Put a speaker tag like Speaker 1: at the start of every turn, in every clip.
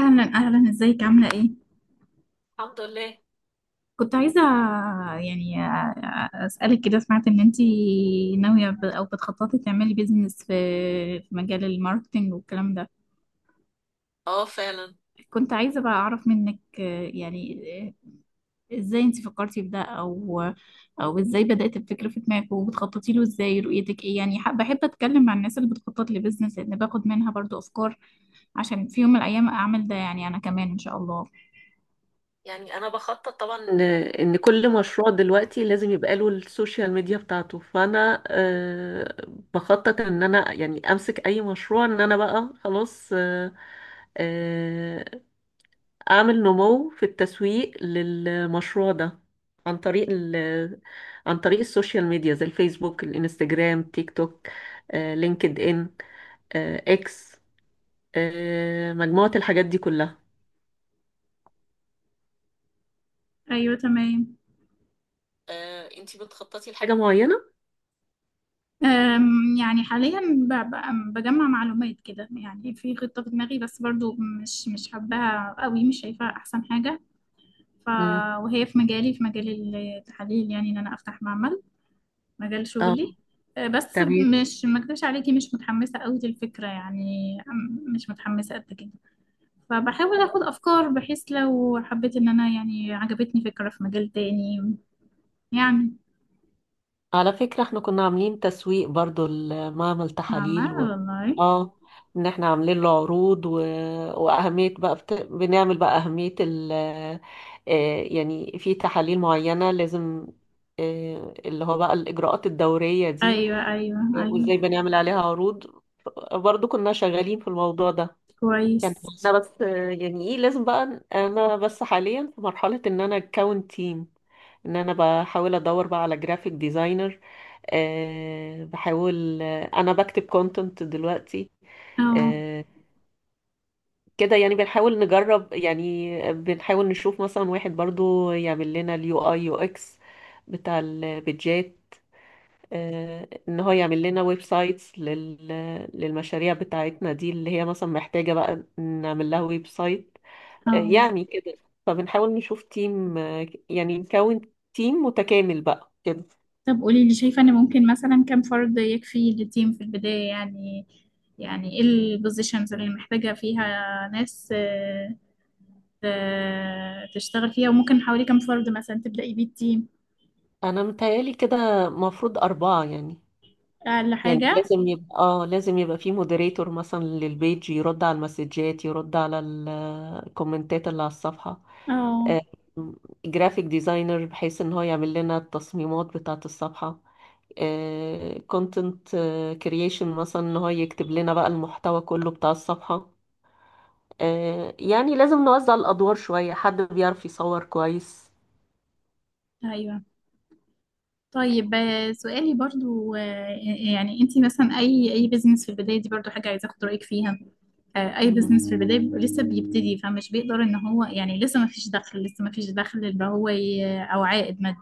Speaker 1: اهلا، ازيك؟ عامله ايه؟
Speaker 2: الحمد لله.
Speaker 1: كنت عايزه يعني اسالك كده. سمعت ان انتي ناويه او بتخططي تعملي بيزنس في مجال الماركتينج والكلام ده.
Speaker 2: اه فعلا.
Speaker 1: كنت عايزه بقى اعرف منك، ازاي انتي فكرتي في ده، او ازاي بدات الفكره في دماغك، وبتخططي له ازاي، رؤيتك ايه يعني. بحب اتكلم مع الناس اللي بتخطط لبيزنس، لان باخد منها برضو افكار عشان في يوم من الايام اعمل ده يعني انا كمان ان شاء الله.
Speaker 2: يعني انا بخطط طبعا ان كل مشروع دلوقتي لازم يبقى له السوشيال ميديا بتاعته، فانا بخطط ان انا يعني امسك اي مشروع، ان انا بقى خلاص، آه، اعمل نمو في التسويق للمشروع ده عن طريق عن طريق السوشيال ميديا زي الفيسبوك، الانستجرام، تيك توك، لينكد ان، اكس، مجموعة الحاجات دي كلها.
Speaker 1: ايوه تمام.
Speaker 2: انتي بتخططي لحاجة معينة؟
Speaker 1: يعني حاليا بجمع معلومات كده، يعني في خطة في دماغي، بس برضو مش حباها قوي، مش شايفاها أحسن حاجة. ف
Speaker 2: امم.
Speaker 1: وهي في مجالي، في مجال التحاليل، يعني إن أنا أفتح معمل، مجال
Speaker 2: اه.
Speaker 1: شغلي. بس
Speaker 2: تمام.
Speaker 1: مش ما أكدبش عليكي، مش متحمسة قوي للفكرة، يعني مش متحمسة قد كده. فبحاول أخد أفكار بحيث لو حبيت إن أنا يعني عجبتني فكرة في مجال تاني يعني.
Speaker 2: على فكرة، احنا كنا عاملين تسويق برضو لمعمل تحاليل
Speaker 1: معمل
Speaker 2: و...
Speaker 1: والله؟
Speaker 2: اه، ان احنا عاملين له عروض، واهمية بقى بنعمل بقى اهمية يعني في تحاليل معينة لازم، اللي هو بقى الاجراءات الدورية دي،
Speaker 1: أيوه أيوه أيوه
Speaker 2: وازاي بنعمل عليها عروض. برضو كنا شغالين في الموضوع ده. كان
Speaker 1: كويس.
Speaker 2: احنا بس، يعني ايه لازم بقى، انا بس حاليا في مرحلة ان انا اكون تيم، ان انا بحاول ادور بقى على جرافيك ديزاينر. بحاول، انا بكتب كونتنت دلوقتي.
Speaker 1: اه.
Speaker 2: أه كده يعني، بنحاول نجرب، يعني بنحاول نشوف مثلا واحد برضو يعمل لنا اليو اي يو اكس بتاع البيدجات، ان هو يعمل لنا ويب سايتس للمشاريع بتاعتنا دي اللي هي مثلا محتاجة بقى نعمل لها ويب سايت.
Speaker 1: اه.
Speaker 2: يعني كده، فبنحاول نشوف تيم، يعني نكون تيم متكامل بقى كده.
Speaker 1: طب قولي لي، شايفة ان ممكن مثلا كم فرد يكفي للتيم في البداية، يعني يعني ايه البوزيشنز اللي محتاجة فيها ناس تشتغل فيها، وممكن حوالي كم فرد مثلا تبدأي بيه التيم؟
Speaker 2: انا متهيالي كده مفروض اربعة يعني.
Speaker 1: اقل
Speaker 2: يعني
Speaker 1: حاجة؟
Speaker 2: لازم يبقى، اه، لازم يبقى في مودريتور مثلا للبيج، يرد على المسجات، يرد على الكومنتات اللي على الصفحة،
Speaker 1: اه.
Speaker 2: آه، جرافيك ديزاينر بحيث ان هو يعمل لنا التصميمات بتاعة الصفحة، كونتنت كرييشن مثلا ان هو يكتب لنا بقى المحتوى كله بتاع الصفحة. يعني لازم نوزع الأدوار شوية. حد بيعرف يصور كويس.
Speaker 1: ايوه. طيب سؤالي برضو، يعني انتي مثلا اي بيزنس في البداية دي، برضو حاجة عايزة اخد رأيك فيها. اي
Speaker 2: مم.
Speaker 1: بزنس في البدايه بيبقى لسه بيبتدي، فمش بيقدر ان هو يعني، لسه ما فيش دخل، لسه ما فيش دخل اللي هو او عائد مادي.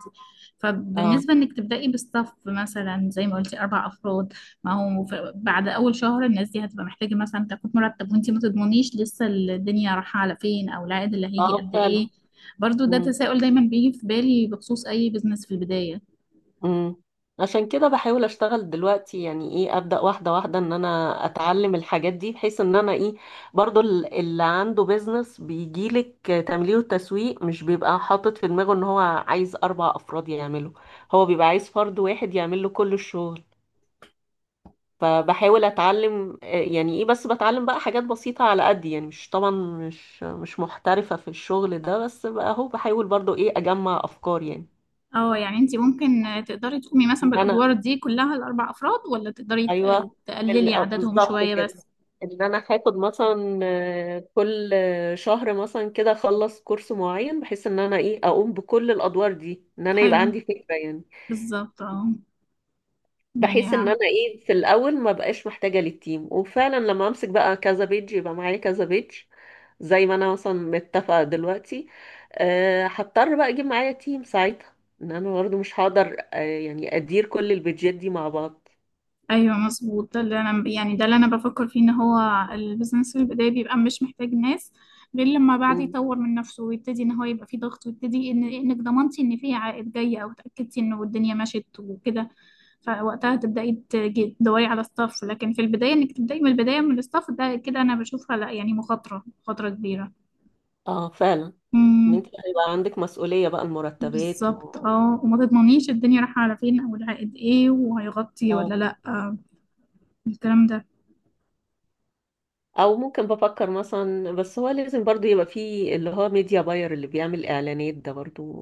Speaker 2: اه.
Speaker 1: فبالنسبه انك تبداي بستاف مثلا زي ما قلتي اربع افراد، ما هو بعد اول شهر الناس دي هتبقى محتاجه مثلا تاخد مرتب، وانت ما تضمنيش لسه الدنيا رايحه على فين او العائد اللي هيجي
Speaker 2: اه
Speaker 1: قد
Speaker 2: فعلا.
Speaker 1: ايه. برضو ده
Speaker 2: مم.
Speaker 1: تساؤل دايما بيجي في بالي بخصوص اي بزنس في البدايه.
Speaker 2: مم. عشان كده بحاول اشتغل دلوقتي، يعني ايه، ابدا واحده واحده ان انا اتعلم الحاجات دي بحيث ان انا ايه، برضو اللي عنده بيزنس بيجيلك تمليه وتسويق مش بيبقى حاطط في دماغه ان هو عايز اربع افراد يعمله، هو بيبقى عايز فرد واحد يعمل له كل الشغل. فبحاول اتعلم، يعني ايه، بس بتعلم بقى حاجات بسيطة على قد يعني، مش طبعا، مش محترفة في الشغل ده، بس بقى اهو، بحاول برضو ايه اجمع افكار يعني.
Speaker 1: اه، يعني انت ممكن تقدري تقومي
Speaker 2: ان
Speaker 1: مثلا
Speaker 2: انا
Speaker 1: بالادوار دي كلها الاربع افراد، ولا تقدري
Speaker 2: ايوه
Speaker 1: تقللي عددهم
Speaker 2: بالظبط
Speaker 1: شويه
Speaker 2: كده.
Speaker 1: بس؟
Speaker 2: ان انا هاخد مثلا، كل شهر مثلا كده اخلص كورس معين بحيث ان انا ايه اقوم بكل الادوار دي، ان انا يبقى
Speaker 1: حلو.
Speaker 2: عندي فكرة يعني.
Speaker 1: بالظبط اه. يعني.
Speaker 2: بحيث ان انا ايه في الاول ما بقاش محتاجة للتيم، وفعلا لما امسك بقى كذا بيج، يبقى معايا كذا بيج زي ما انا مثلا متفقة دلوقتي. أه هضطر بقى اجيب معايا تيم ساعتها، ان انا برضه مش هقدر يعني ادير كل البيجات دي مع بعض.
Speaker 1: ايوه مظبوط، ده اللي انا يعني ده اللي انا بفكر فيه، ان هو البيزنس في البداية بيبقى مش محتاج ناس غير لما بعد
Speaker 2: مم.
Speaker 1: يطور من نفسه ويبتدي ان هو يبقى فيه ضغط، ويبتدي ان انك ضمنتي ان فيه عائد جاي، او اتاكدتي انه الدنيا مشيت وكده. فوقتها تبداي تدوري على ستاف. لكن في البدايه انك تبداي من البدايه من الستاف ده كده، انا بشوفها لا يعني، مخاطره كبيره.
Speaker 2: اه فعلا. ان انت
Speaker 1: امم.
Speaker 2: هيبقى عندك مسؤولية بقى المرتبات
Speaker 1: بالظبط
Speaker 2: و...
Speaker 1: اه، وما تضمنيش الدنيا رايحه على فين، او العائد ايه، وهيغطي
Speaker 2: اه.
Speaker 1: ولا لا، الكلام ده.
Speaker 2: او ممكن بفكر مثلا، بس هو لازم برضو يبقى فيه اللي هو ميديا باير اللي بيعمل اعلانات ده، برضو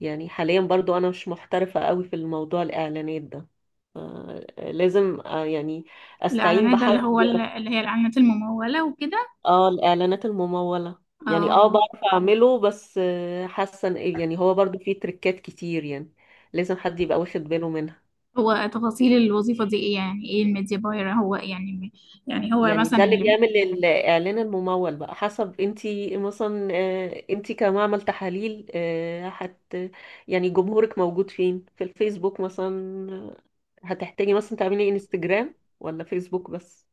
Speaker 2: يعني حاليا برضو انا مش محترفة قوي في الموضوع الاعلانات ده. لازم، يعني استعين
Speaker 1: الإعلانات ده اللي
Speaker 2: بحد
Speaker 1: هو
Speaker 2: بيعرف.
Speaker 1: اللي هي الإعلانات الممولة وكده؟
Speaker 2: اه، الاعلانات الممولة. يعني اه
Speaker 1: اه،
Speaker 2: بعرف اعمله، بس حاسة يعني هو برضو فيه تريكات كتير يعني، لازم حد يبقى واخد باله منها.
Speaker 1: هو تفاصيل الوظيفة دي إيه، يعني إيه الميديا باير هو يعني، يعني هو
Speaker 2: يعني ده
Speaker 1: مثلا
Speaker 2: اللي
Speaker 1: اللي…
Speaker 2: بيعمل الإعلان الممول بقى حسب، انتي مثلا انتي كمعمل تحاليل، آه، هت يعني جمهورك موجود فين، في الفيسبوك مثلا، آه، هتحتاجي مثلا تعملي انستجرام ولا فيسبوك بس.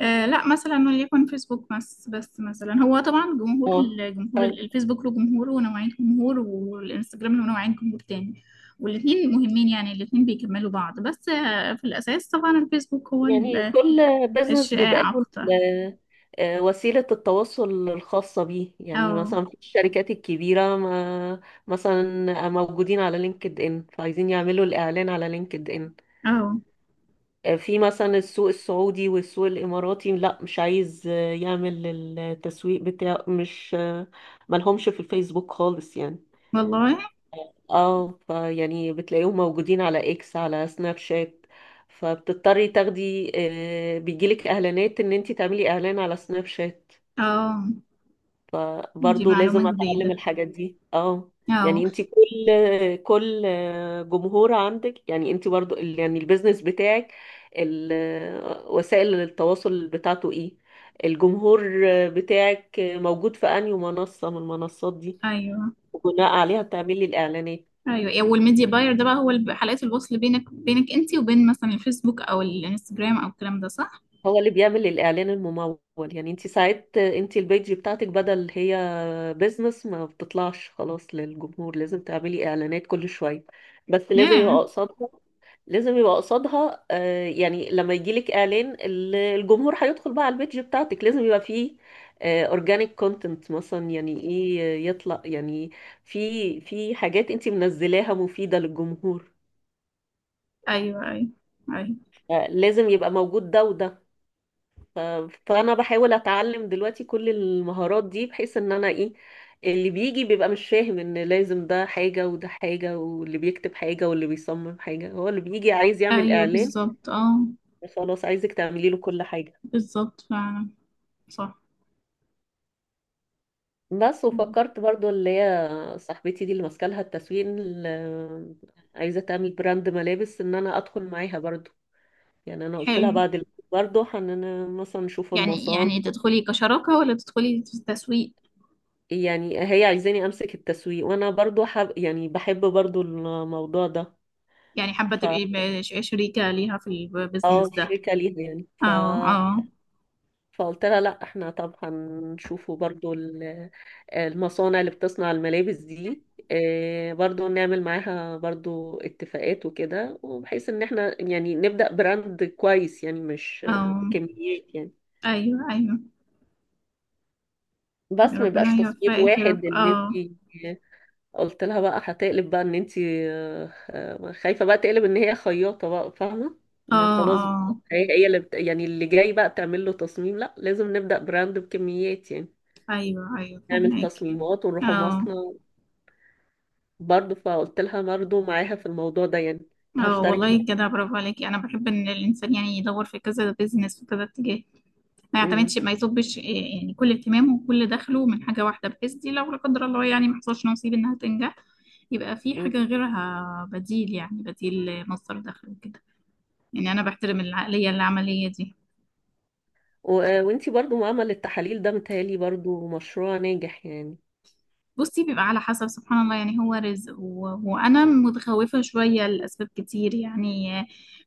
Speaker 1: آه لا، مثلا وليكن فيسبوك بس، بس مثلا هو طبعا جمهور،
Speaker 2: اه.
Speaker 1: الجمهور،
Speaker 2: آه،
Speaker 1: الفيسبوك له جمهور ونوعين جمهور، والانستجرام له نوعين جمهور تاني. والاتنين مهمين يعني، الاتنين بيكملوا بعض، بس آه في الأساس طبعا الفيسبوك هو
Speaker 2: يعني كل بزنس بيبقى
Speaker 1: الشائع
Speaker 2: له
Speaker 1: أكتر.
Speaker 2: وسيلة التواصل الخاصة بيه. يعني
Speaker 1: اه.
Speaker 2: مثلا في الشركات الكبيرة، ما مثلا موجودين على لينكد ان، فعايزين يعملوا الإعلان على لينكد ان.
Speaker 1: اه.
Speaker 2: في مثلا السوق السعودي والسوق الإماراتي، لا مش عايز يعمل التسويق بتاعه، مش ملهمش في الفيسبوك خالص يعني.
Speaker 1: والله.
Speaker 2: اه، فيعني بتلاقيهم موجودين على اكس، على سناب شات، فبتضطري تاخدي، بيجيلك اعلانات ان انت تعملي اعلان على سناب شات.
Speaker 1: اه، دي
Speaker 2: فبرضه لازم
Speaker 1: معلومة
Speaker 2: اتعلم
Speaker 1: جديدة.
Speaker 2: الحاجات دي. اه.
Speaker 1: اه.
Speaker 2: يعني انت كل، كل جمهور عندك، يعني انت برضه يعني البيزنس بتاعك، ال- وسائل التواصل بتاعته ايه، الجمهور بتاعك موجود في انهي منصة من المنصات دي،
Speaker 1: ايوه
Speaker 2: وبناء عليها بتعملي الاعلانات.
Speaker 1: ايوه والميديا باير ده بقى هو حلقة الوصل بينك، انت وبين مثلا الفيسبوك او الانستجرام او الكلام ده، صح؟
Speaker 2: هو اللي بيعمل الاعلان الممول. يعني انت ساعات انت البيج بتاعتك بدل هي بيزنس ما بتطلعش خلاص للجمهور، لازم تعملي اعلانات كل شوية. بس لازم
Speaker 1: ياه.
Speaker 2: يبقى قصادها، لازم يبقى قصادها، يعني لما يجيلك اعلان الجمهور هيدخل بقى على البيج بتاعتك، لازم يبقى فيه اورجانيك كونتنت مثلا. يعني ايه، يطلع يعني في حاجات انت منزلاها مفيدة للجمهور.
Speaker 1: ايوه ايوه ايوه
Speaker 2: لازم يبقى موجود ده وده. ف- فانا بحاول اتعلم دلوقتي كل المهارات دي بحيث ان انا ايه، اللي بيجي بيبقى مش فاهم ان لازم ده حاجة وده حاجة، واللي بيكتب حاجة واللي بيصمم حاجة، هو اللي بيجي عايز يعمل
Speaker 1: ايوه
Speaker 2: اعلان،
Speaker 1: بالظبط اه.
Speaker 2: خلاص عايزك تعملي له كل حاجة.
Speaker 1: بالظبط فعلا. صح.
Speaker 2: بس وفكرت برضو اللي هي صاحبتي دي اللي ماسكه لها التسويق، اللي عايزه تعمل براند ملابس، ان انا ادخل معاها برضو. يعني انا قلت
Speaker 1: حلو.
Speaker 2: لها بعد برضو هننا مثلا نشوف
Speaker 1: يعني، يعني تدخلي كشراكة ولا تدخلي في التسويق؟
Speaker 2: يعني هي عايزاني امسك التسويق، وانا برضو يعني بحب برضو الموضوع ده.
Speaker 1: يعني حابة
Speaker 2: ف
Speaker 1: تبقي شريكة ليها في البيزنس
Speaker 2: اه،
Speaker 1: ده؟
Speaker 2: شركه ليها يعني.
Speaker 1: اه. اه.
Speaker 2: فقلت لها لا، احنا طب هنشوفوا برضو المصانع اللي بتصنع الملابس دي، برضو نعمل معاها برضو اتفاقات وكده، وبحيث ان احنا يعني نبدأ براند كويس يعني، مش
Speaker 1: اه.
Speaker 2: كميات يعني.
Speaker 1: ايوه.
Speaker 2: بس ما
Speaker 1: ربنا
Speaker 2: يبقاش تصميم
Speaker 1: يوفقك يا
Speaker 2: واحد
Speaker 1: رب.
Speaker 2: ان
Speaker 1: اه.
Speaker 2: انت. قلت لها بقى هتقلب بقى ان انت خايفة بقى تقلب ان هي خياطة بقى فاهمة ان
Speaker 1: اه.
Speaker 2: خلاص،
Speaker 1: اه.
Speaker 2: بقى هي اللي يعني اللي جاي بقى تعمل له تصميم، لا لازم نبدأ براند بكميات يعني.
Speaker 1: ايوه ايوه
Speaker 2: نعمل
Speaker 1: فهمك.
Speaker 2: تصميمات ونروح
Speaker 1: اه.
Speaker 2: مصنع. برضه فقلت لها برضه معاها في الموضوع ده يعني.
Speaker 1: اه
Speaker 2: هشترك
Speaker 1: والله،
Speaker 2: معاك.
Speaker 1: كده برافو عليكي، انا بحب ان الانسان يعني يدور في كذا بيزنس وكذا اتجاه، ما
Speaker 2: امم.
Speaker 1: يعتمدش ما يصبش يعني كل اهتمامه وكل دخله من حاجه واحده، بحيث دي لو لا قدر الله يعني ما حصلش نصيب انها تنجح، يبقى في
Speaker 2: أمم.
Speaker 1: حاجه غيرها بديل، يعني بديل مصدر دخل وكده. يعني انا بحترم العقليه العمليه دي.
Speaker 2: وانتي برضه معمل التحاليل ده متهيألي برضه مشروع ناجح يعني.
Speaker 1: بصي، بيبقى على حسب، سبحان الله، يعني هو رزق. و… وانا متخوفه شويه لاسباب كتير يعني،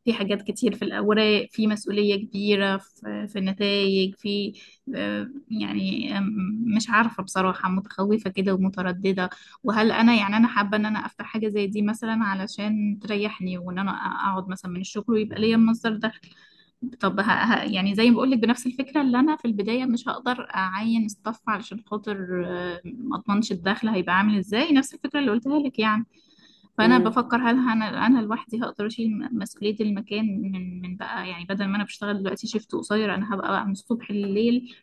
Speaker 1: في حاجات كتير، في الاوراق، في مسؤوليه كبيره في، في النتائج، في آه، يعني آم، مش عارفه بصراحه، متخوفه كده ومتردده. وهل انا يعني، انا حابه ان انا افتح حاجه زي دي مثلا علشان تريحني، وان انا اقعد مثلا من الشغل ويبقى ليا المصدر ده. طب يعني زي ما بقول لك، بنفس الفكره، اللي انا في البدايه مش هقدر اعين ستاف علشان خاطر ما اضمنش الدخل هيبقى عامل ازاي، نفس الفكره اللي قلتها لك يعني. فانا
Speaker 2: امم.
Speaker 1: بفكر، هل انا، انا لوحدي هقدر اشيل مسؤوليه المكان من بقى، يعني بدل ما انا بشتغل دلوقتي شيفت قصير، انا هبقى بقى من الصبح لليل.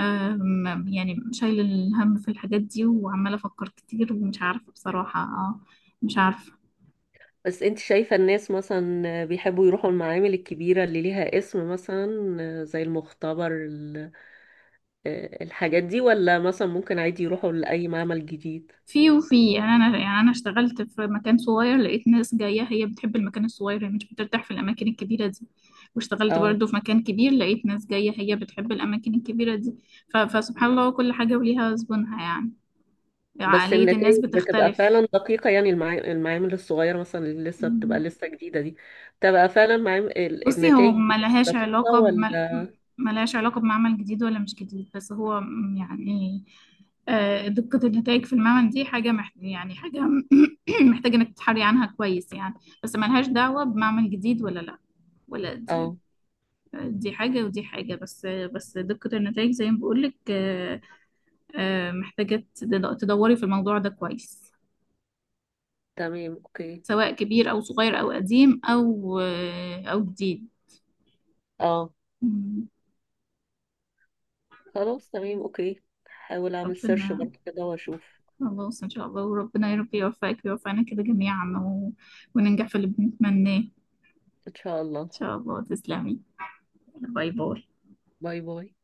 Speaker 1: يعني شايل الهم في الحاجات دي، وعماله افكر كتير، ومش عارفه بصراحه، مش عارفه.
Speaker 2: بس انت شايفة الناس مثلا بيحبوا يروحوا المعامل الكبيرة اللي ليها اسم مثلا زي المختبر الحاجات دي، ولا مثلا ممكن عادي يروحوا لأي معمل جديد؟
Speaker 1: في وفي يعني، انا يعني انا اشتغلت في مكان صغير لقيت ناس جايه هي بتحب المكان الصغير، هي مش بترتاح في الاماكن الكبيره دي. واشتغلت برضو في مكان كبير لقيت ناس جايه هي بتحب الاماكن الكبيره دي. فسبحان الله، كل حاجه وليها زبونها يعني،
Speaker 2: بس
Speaker 1: عقليه
Speaker 2: النتائج
Speaker 1: الناس
Speaker 2: بتبقى
Speaker 1: بتختلف.
Speaker 2: فعلا دقيقة يعني، المعامل الصغيرة مثلا اللي لسه بتبقى لسه جديدة دي، بتبقى فعلا
Speaker 1: بصي، هو
Speaker 2: النتائج بتبقى
Speaker 1: ملهاش
Speaker 2: دقيقة،
Speaker 1: علاقة
Speaker 2: ولا؟
Speaker 1: ملهاش علاقة بمعمل جديد ولا مش جديد، بس هو يعني دقة النتائج في المعمل دي حاجة يعني حاجة محتاجة انك تتحري عنها كويس يعني. بس ملهاش دعوة بمعمل جديد ولا لا، ولا دي.
Speaker 2: اه.
Speaker 1: دي حاجة ودي حاجة، بس دقة النتائج زي ما بقولك، محتاجة تدوري في الموضوع ده كويس،
Speaker 2: تمام، اوكي.
Speaker 1: سواء كبير أو صغير أو قديم أو أو جديد.
Speaker 2: اه.
Speaker 1: مم.
Speaker 2: خلاص، تمام اوكي. هحاول اعمل سيرش
Speaker 1: ربنا.
Speaker 2: برضه كده واشوف.
Speaker 1: خلاص إن شاء الله، وربنا يا رب يوفقك ويوفقنا كده جميعا، و… وننجح في اللي بنتمناه إن
Speaker 2: ان شاء الله.
Speaker 1: شاء الله. تسلمي. باي باي.
Speaker 2: باي باي.